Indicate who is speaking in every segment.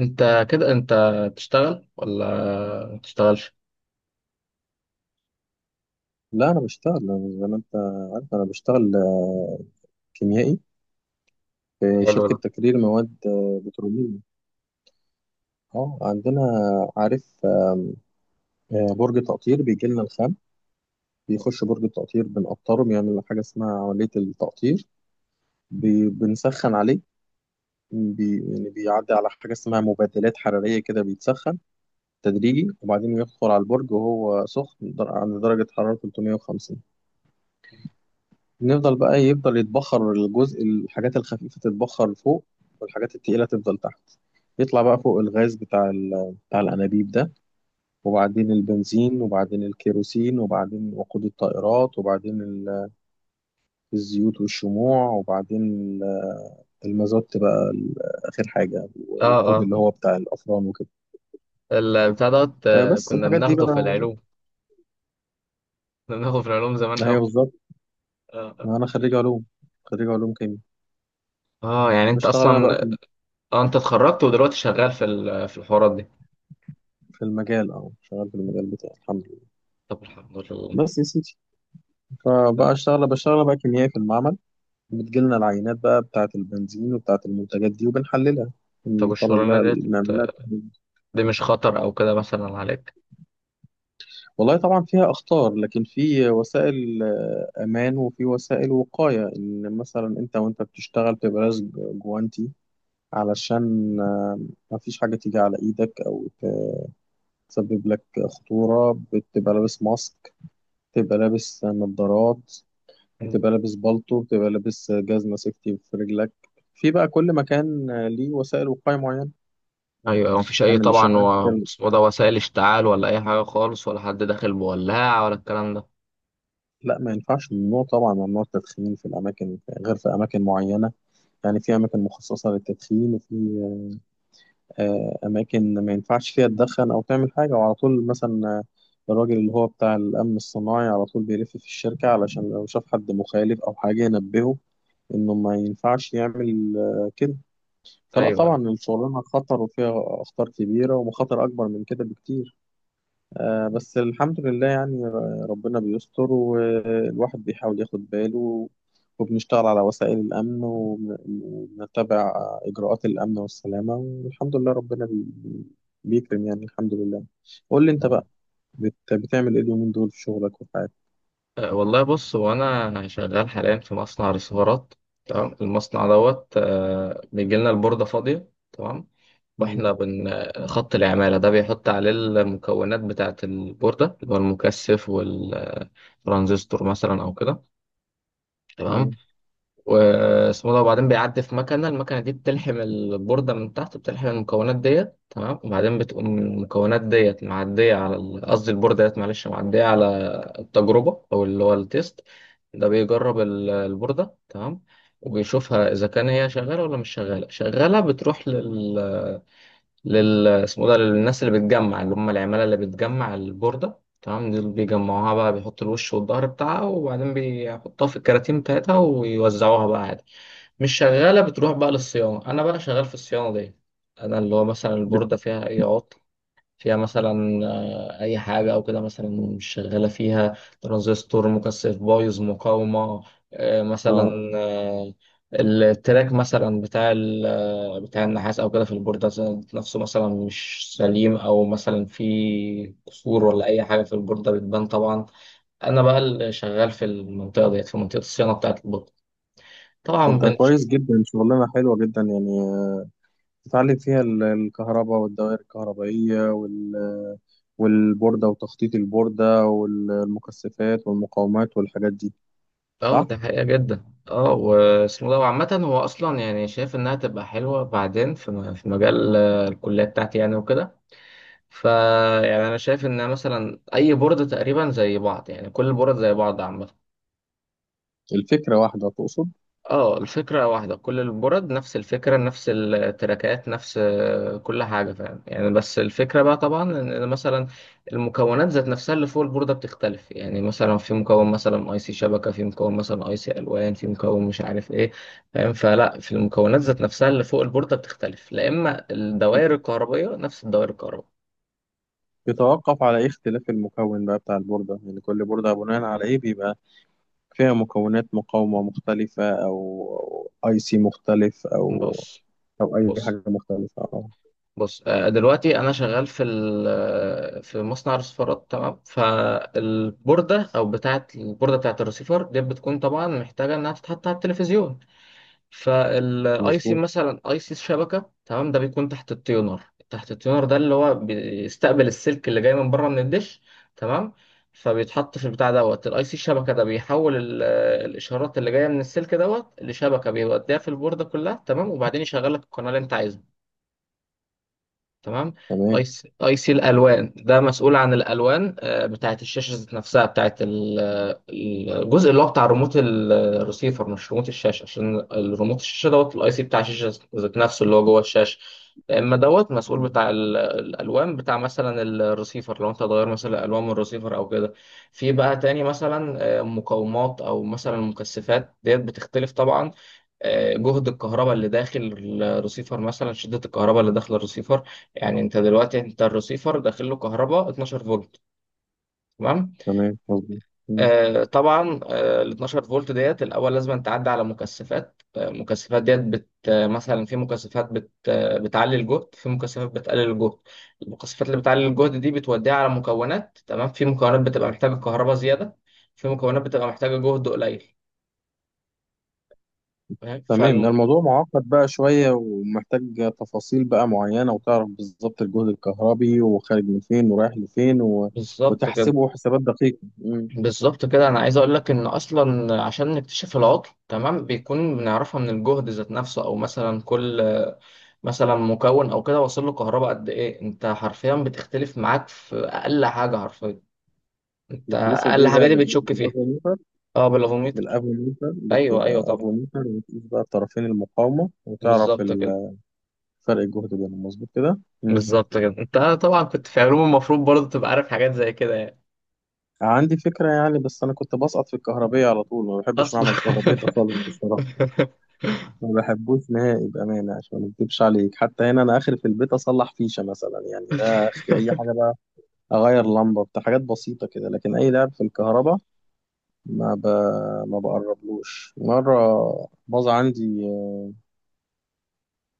Speaker 1: انت كده انت تشتغل ولا ما تشتغلش؟
Speaker 2: لا، انا بشتغل زي ما انت عارف، انا بشتغل كيميائي في
Speaker 1: حلو
Speaker 2: شركه
Speaker 1: ده.
Speaker 2: تكرير مواد بتروليه. اه، عندنا عارف برج تقطير، بيجي لنا الخام بيخش برج التقطير بنقطره، بيعمل حاجه اسمها عمليه التقطير. بنسخن عليه، يعني بيعدي على حاجه اسمها مبادلات حراريه كده، بيتسخن تدريجي وبعدين يدخل على البرج وهو سخن عند درجه حراره 350. نفضل بقى إيه، يفضل يتبخر الجزء، الحاجات الخفيفة تتبخر فوق والحاجات التقيلة تفضل تحت. يطلع بقى فوق الغاز بتاع بتاع الأنابيب ده، وبعدين البنزين، وبعدين الكيروسين، وبعدين وقود الطائرات، وبعدين الزيوت والشموع، وبعدين المازوت بقى، آخر حاجة
Speaker 1: اه،
Speaker 2: والوقود
Speaker 1: اه.
Speaker 2: اللي هو بتاع الأفران وكده.
Speaker 1: البتاع دوت،
Speaker 2: بس
Speaker 1: كنا
Speaker 2: الحاجات دي
Speaker 1: بناخده
Speaker 2: بقى
Speaker 1: في العلوم كنا بناخده في العلوم زمان
Speaker 2: هي
Speaker 1: قوي.
Speaker 2: بالظبط.
Speaker 1: اه.
Speaker 2: ما أنا خريج علوم، خريج علوم كيمياء.
Speaker 1: يعني انت
Speaker 2: بشتغل أنا بقى
Speaker 1: اصلا.
Speaker 2: في
Speaker 1: اه، انت اتخرجت ودلوقتي شغال في الحوارات دي.
Speaker 2: في المجال، أه، شغال في المجال بتاعي الحمد لله.
Speaker 1: طب، الحمد لله.
Speaker 2: بس يا سيدي، فبقى اشتغل، بشتغل بقى كيميائي في المعمل. بتجيلنا العينات بقى بتاعة البنزين وبتاعة المنتجات دي وبنحللها،
Speaker 1: طب،
Speaker 2: بنخرج لها،
Speaker 1: والشغلانه دي
Speaker 2: بنعمل لها تحليل.
Speaker 1: دي مش خطر او كده مثلا عليك؟
Speaker 2: والله طبعا فيها أخطار، لكن في وسائل أمان وفي وسائل وقاية، إن مثلا أنت وأنت بتشتغل تبقى جوانتي، علشان ما فيش حاجة تيجي على إيدك أو تسبب لك خطورة. بتبقى لابس ماسك، تبقى لابس نظارات، بتبقى لابس بالطو، بتبقى لابس جزمة سيفتي في رجلك. في بقى كل مكان ليه وسائل وقاية معينة.
Speaker 1: ايوه، مفيش اي
Speaker 2: أنا اللي
Speaker 1: طبعا،
Speaker 2: شغال في
Speaker 1: اسمه ده وسائل اشتعال ولا اي حاجه خالص، ولا حد داخل بولاعه ولا الكلام ده.
Speaker 2: لا، ما ينفعش، ممنوع طبعا، ممنوع التدخين في الأماكن غير في أماكن معينة، يعني في أماكن مخصصة للتدخين، وفي أماكن ما ينفعش فيها تدخن أو تعمل حاجة. وعلى طول مثلا الراجل اللي هو بتاع الأمن الصناعي على طول بيلف في الشركة علشان لو شاف حد مخالف أو حاجة ينبهه إنه ما ينفعش يعمل كده. فلا،
Speaker 1: ايوه،
Speaker 2: طبعا الشغلانة خطر وفيها أخطار كبيرة، ومخاطر أكبر من كده بكتير. آه، بس الحمد لله يعني ربنا بيستر والواحد بيحاول ياخد باله، وبنشتغل على وسائل الأمن وبنتبع إجراءات الأمن والسلامة، والحمد لله ربنا بيكرم يعني، الحمد لله. قول لي أنت
Speaker 1: أيوة.
Speaker 2: بقى، بتعمل إيه اليومين دول في شغلك وفي حياتك؟
Speaker 1: والله بص، هو انا شغال حاليا في مصنع ريسيفرات. تمام. المصنع دوت، بيجي لنا البورده فاضيه. تمام.
Speaker 2: مم،
Speaker 1: واحنا بن خط العماله ده بيحط عليه المكونات بتاعه البورده اللي هو المكثف والترانزستور مثلا او كده. تمام.
Speaker 2: تمام.
Speaker 1: واسمه ده، وبعدين بيعدي في المكنه دي بتلحم البورده من تحت، بتلحم المكونات ديت. تمام. وبعدين بتقوم المكونات ديت معديه على قصدي البورده ديت، معلش، معديه على التجربه او اللي هو التيست. ده بيجرب البورده. تمام. وبيشوفها اذا كان هي شغاله ولا مش شغاله. شغاله بتروح لل اسمه ده للناس اللي بتجمع، اللي هم العماله اللي بتجمع البورده. تمام. دول بيجمعوها بقى، بيحطوا الوش والظهر بتاعها، وبعدين بيحطوها في الكراتين بتاعتها ويوزعوها بقى عادي. مش شغالة بتروح بقى للصيانة. أنا بقى شغال في الصيانة دي. أنا اللي هو مثلا البوردة
Speaker 2: بت-
Speaker 1: فيها أي عطل، فيها مثلا آه، أي حاجة أو كده، مثلا مش شغالة فيها ترانزستور، مكثف بايظ، مقاومة مثلا
Speaker 2: اه.
Speaker 1: التراك مثلا بتاع بتاع النحاس أو كده في البوردة، نفسه مثلا مش سليم، أو مثلا في كسور ولا أي حاجة في البوردة بتبان طبعا. أنا بقى اللي شغال في المنطقة ديت، في منطقة الصيانة بتاعة البوردة
Speaker 2: طب
Speaker 1: طبعا.
Speaker 2: ده كويس جدا، شغلانة حلوة جدا، يعني تتعلم فيها الكهرباء والدوائر الكهربائية والبوردة وتخطيط البوردة والمكثفات والمقاومات والحاجات دي،
Speaker 1: اه،
Speaker 2: صح؟
Speaker 1: ده حقيقة جدا. اه، واسمه ده. وعامة هو أصلا يعني شايف إنها تبقى حلوة بعدين في مجال الكلية بتاعتي يعني وكده. فا يعني أنا شايف إن مثلا أي بورد تقريبا زي بعض، يعني كل البورد زي بعض عامة.
Speaker 2: الفكرة واحدة تقصد؟
Speaker 1: اه، الفكرة واحدة، كل البرد نفس الفكرة، نفس التراكات، نفس كل حاجة، فاهم يعني. بس الفكرة بقى طبعا إن مثلا المكونات ذات نفسها اللي فوق البوردة بتختلف، يعني مثلا في مكون مثلا اي سي شبكة، في مكون مثلا اي سي الوان، في مكون مش عارف ايه، فاهم. فلا، في المكونات ذات نفسها اللي فوق البوردة بتختلف، لا اما الدوائر الكهربائية نفس الدوائر الكهربائية.
Speaker 2: يتوقف على إيه اختلاف المكون بقى بتاع البوردة؟ يعني كل بوردة بناء على إيه بيبقى فيها مكونات مقاومة مختلفة، أو أي سي مختلف، أو
Speaker 1: بص،
Speaker 2: أو أي
Speaker 1: بص،
Speaker 2: حاجة مختلفة، أه.
Speaker 1: بص، دلوقتي انا شغال في ال- آه، في مصنع رصفارات. تمام. فالبورده او بتاعه البورده بتاعه الرسيفر دي بتكون طبعا محتاجه انها تتحط على التلفزيون. فالاي سي
Speaker 2: مظبوط.
Speaker 1: مثلا اي سي الشبكه، تمام، ده بيكون تحت التيونر. تحت التيونر ده اللي هو بيستقبل السلك اللي جاي من بره من الدش. تمام. فبيتحط في البتاع دوت، الاي سي الشبكه ده بيحول الاشارات اللي جايه من السلك دوت لشبكه، بيوديها في البورده كلها. تمام. وبعدين يشغل لك القناه اللي انت عايزها. تمام. اي
Speaker 2: تمام.
Speaker 1: سي اي سي الالوان ده مسؤول عن الالوان بتاعه الشاشه ذات نفسها، بتاعه الجزء اللي هو بتاع ريموت الريسيفر، مش ريموت الشاشه، عشان الريموت الشاشه دوت الاي سي بتاع الشاشه ذات نفسه اللي هو جوه الشاشه. اما دوت مسؤول بتاع الالوان بتاع مثلا الريسيفر، لو انت هتغير مثلا الالوان من الريسيفر او كده. في بقى تاني مثلا مقاومات او مثلا مكثفات ديت بتختلف طبعا. جهد الكهرباء اللي داخل الريسيفر، مثلا شدة الكهرباء اللي داخل الريسيفر. يعني انت دلوقتي الريسيفر داخل له كهرباء 12 فولت. تمام.
Speaker 2: تمام، مظبوط.
Speaker 1: طبعا، ال 12 فولت ديت الاول لازم تعدي على مكثفات ديت بت آه، مثلا في مكثفات بت آه بتعلي الجهد، في مكثفات بتقلل الجهد. المكثفات اللي بتعلي الجهد دي بتوديها على مكونات. تمام. في مكونات بتبقى محتاجة كهرباء زيادة، في مكونات بتبقى محتاجة جهد قليل، فاهم.
Speaker 2: تمام. ده الموضوع معقد بقى شوية، ومحتاج تفاصيل بقى معينة، وتعرف بالظبط الجهد الكهربي، وخارج من فين ورايح لفين،
Speaker 1: بالظبط كده.
Speaker 2: وتحسبه حسابات دقيقة، مم.
Speaker 1: بالظبط كده، انا عايز اقول لك ان اصلا عشان نكتشف العطل، تمام، بيكون بنعرفها من الجهد ذات نفسه، او مثلا كل مثلا مكون او كده واصل له كهرباء قد ايه، انت حرفيا بتختلف معاك في اقل حاجه، حرفيا انت
Speaker 2: بتقيسه
Speaker 1: اقل
Speaker 2: بإيه
Speaker 1: حاجه
Speaker 2: بقى،
Speaker 1: دي بتشك فيها.
Speaker 2: بالأفوميتر؟
Speaker 1: اه، بالافوميتر.
Speaker 2: بالأفوميتر،
Speaker 1: ايوه، ايوه،
Speaker 2: بتبقى
Speaker 1: طبعا.
Speaker 2: أفوميتر وتقيس بقى الطرفين المقاومة وتعرف
Speaker 1: بالظبط كده.
Speaker 2: فرق الجهد بينهم، مظبوط كده، مم.
Speaker 1: بالظبط كده، انت طبعا كنت في علوم، المفروض برضه تبقى عارف حاجات زي كده يعني.
Speaker 2: عندي فكرة يعني، بس أنا كنت بسقط في الكهربية على طول، ما بحبش
Speaker 1: اصلا
Speaker 2: معمل الكهربية ده خالص بصراحة. ما بحبوش نهائي بأمانة، عشان ما اكدبش عليك، حتى هنا أنا آخر في البيت أصلح فيشة مثلا، يعني ده آخر أي حاجة بقى. أغير لمبة، بتاع حاجات بسيطة كده، لكن أي لعب في الكهرباء ما ب... ما بقربلوش مرة. باظ عندي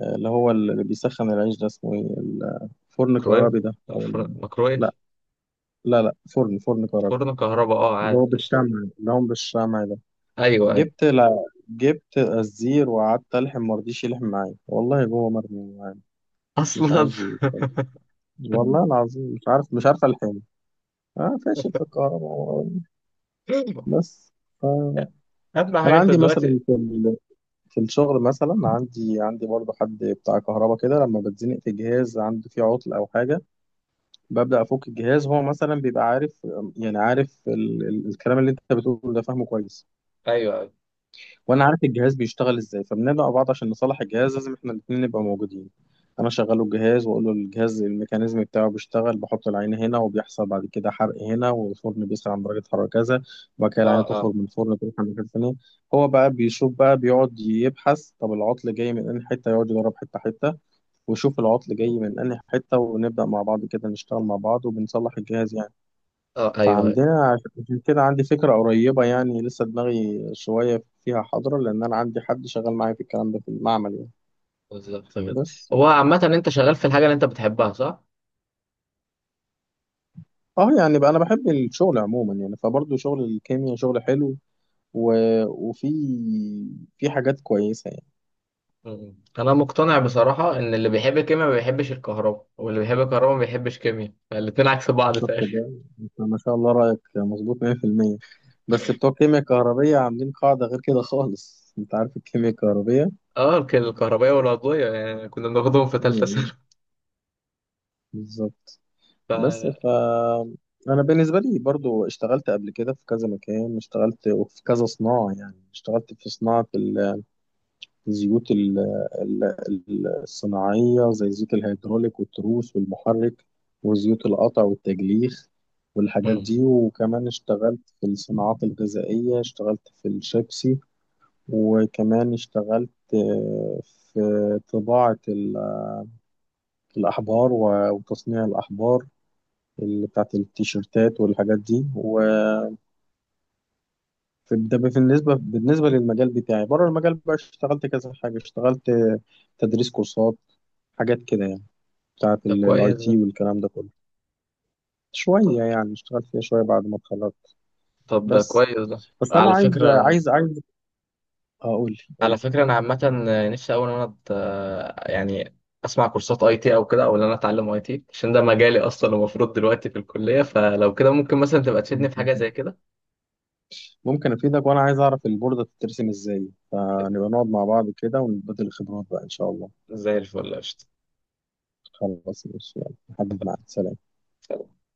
Speaker 2: اللي هو اللي بيسخن العيش ده، اسمه إيه، الفرن
Speaker 1: ميكرويف.
Speaker 2: كهربي ده، أو
Speaker 1: فر-
Speaker 2: لا،
Speaker 1: ميكرويف
Speaker 2: لا، لا، فرن، فرن كهربي،
Speaker 1: فرن كهرباء، اه،
Speaker 2: اللي
Speaker 1: عادي.
Speaker 2: هو بالشمع، اللي هو بالشمع ده.
Speaker 1: ايوه، أيوه.
Speaker 2: جبت لا جبت الزير وقعدت ألحم، مرضيش يلحم معايا، والله جوه مرمي معايا، مش
Speaker 1: اصلا
Speaker 2: عايز يتفرج. والله العظيم مش عارف الحين. اه، فاشل في الكهرباء بس، آه.
Speaker 1: اهم
Speaker 2: انا
Speaker 1: حاجه انت
Speaker 2: عندي
Speaker 1: دلوقتي.
Speaker 2: مثلا في الشغل مثلا، عندي برضه حد بتاع كهرباء كده، لما بتزنق في جهاز عنده فيه عطل او حاجه، ببدا افك الجهاز. هو مثلا بيبقى عارف، يعني عارف الكلام اللي انت بتقوله ده فاهمه كويس،
Speaker 1: ايوه، ايوه.
Speaker 2: وانا عارف الجهاز بيشتغل ازاي، فبندعو بعض عشان نصلح الجهاز، لازم احنا الاثنين نبقى موجودين. انا شغله الجهاز، واقول له الجهاز الميكانيزم بتاعه بيشتغل بحط العين هنا، وبيحصل بعد كده حرق هنا، والفرن بيسخن عند درجه حراره كذا، وبعد كده
Speaker 1: اه،
Speaker 2: العين
Speaker 1: اه،
Speaker 2: تخرج من الفرن تروح عند مكان تاني. هو بقى بيشوف، بقى بيقعد يبحث طب العطل جاي من انهي حته، يقعد يجرب حته حته، ويشوف العطل جاي من انهي حته، ونبدا مع بعض كده، نشتغل مع بعض وبنصلح الجهاز يعني.
Speaker 1: اه، ايوه.
Speaker 2: فعندنا عشان كده عندي فكرة قريبة يعني، لسه دماغي شوية فيها حاضرة، لأن أنا عندي حد شغال معايا في الكلام ده في المعمل يعني،
Speaker 1: بالظبط، تمام.
Speaker 2: بس.
Speaker 1: هو عامة انت شغال في الحاجة اللي انت بتحبها، صح؟
Speaker 2: اه، يعني بقى أنا بحب الشغل عموما يعني، فبرضه شغل الكيمياء شغل حلو، و... وفي في حاجات كويسة يعني.
Speaker 1: م- انا مقتنع بصراحة ان اللي بيحب الكيمياء ما بيحبش الكهرباء، واللي بيحب الكهرباء ما بيحبش كيمياء، الاتنين عكس بعض
Speaker 2: شفت
Speaker 1: تقريبا
Speaker 2: ده؟ أنت ما شاء الله رأيك مظبوط 100%. بس بتوع الكيمياء الكهربية عاملين قاعدة غير كده خالص، أنت عارف الكيمياء الكهربية،
Speaker 1: اه، الكهربائية والعضوية، يعني كنا بناخدهم في تالتة ثانوي.
Speaker 2: مم. بالظبط.
Speaker 1: ف
Speaker 2: بس انا بالنسبه لي برضو اشتغلت قبل كده في كذا مكان، اشتغلت في كذا صناعه يعني، اشتغلت في صناعه الزيوت ال- الصناعيه، زي زيوت الهيدروليك والتروس والمحرك، وزيوت القطع والتجليخ والحاجات
Speaker 1: م-
Speaker 2: دي. وكمان اشتغلت في الصناعات الغذائيه، اشتغلت في الشيبسي. وكمان اشتغلت في طباعه الاحبار وتصنيع الاحبار اللي بتاعت التيشيرتات والحاجات دي، وده. بالنسبة للمجال بتاعي بره المجال بقى، اشتغلت كذا حاجة، اشتغلت تدريس كورسات، حاجات كده يعني، بتاعت
Speaker 1: ده
Speaker 2: الاي
Speaker 1: كويس ده.
Speaker 2: تي والكلام ده كله.
Speaker 1: طب
Speaker 2: شوية يعني، اشتغلت فيها شوية بعد ما اتخرجت،
Speaker 1: طب ده
Speaker 2: بس.
Speaker 1: كويس ده.
Speaker 2: بس أنا
Speaker 1: على
Speaker 2: عايز
Speaker 1: فكرة
Speaker 2: عايز عايز أقول لي قول
Speaker 1: على فكرة أنا عامة نفسي أوي إن أنا يعني أسمع كورسات أي تي أو كده، أو إن أنا أتعلم أي تي، عشان ده مجالي أصلا المفروض دلوقتي في الكلية. فلو كده ممكن مثلا تبقى تفيدني في
Speaker 2: لي
Speaker 1: حاجة زي كده.
Speaker 2: ممكن أفيدك، وأنا عايز أعرف البوردة بتترسم إزاي، فنبقى نقعد مع بعض كده ونبدل الخبرات بقى إن شاء الله.
Speaker 1: زي الفل، قشطة.
Speaker 2: خلاص ماشي، يلا نحدد ميعاد، سلام.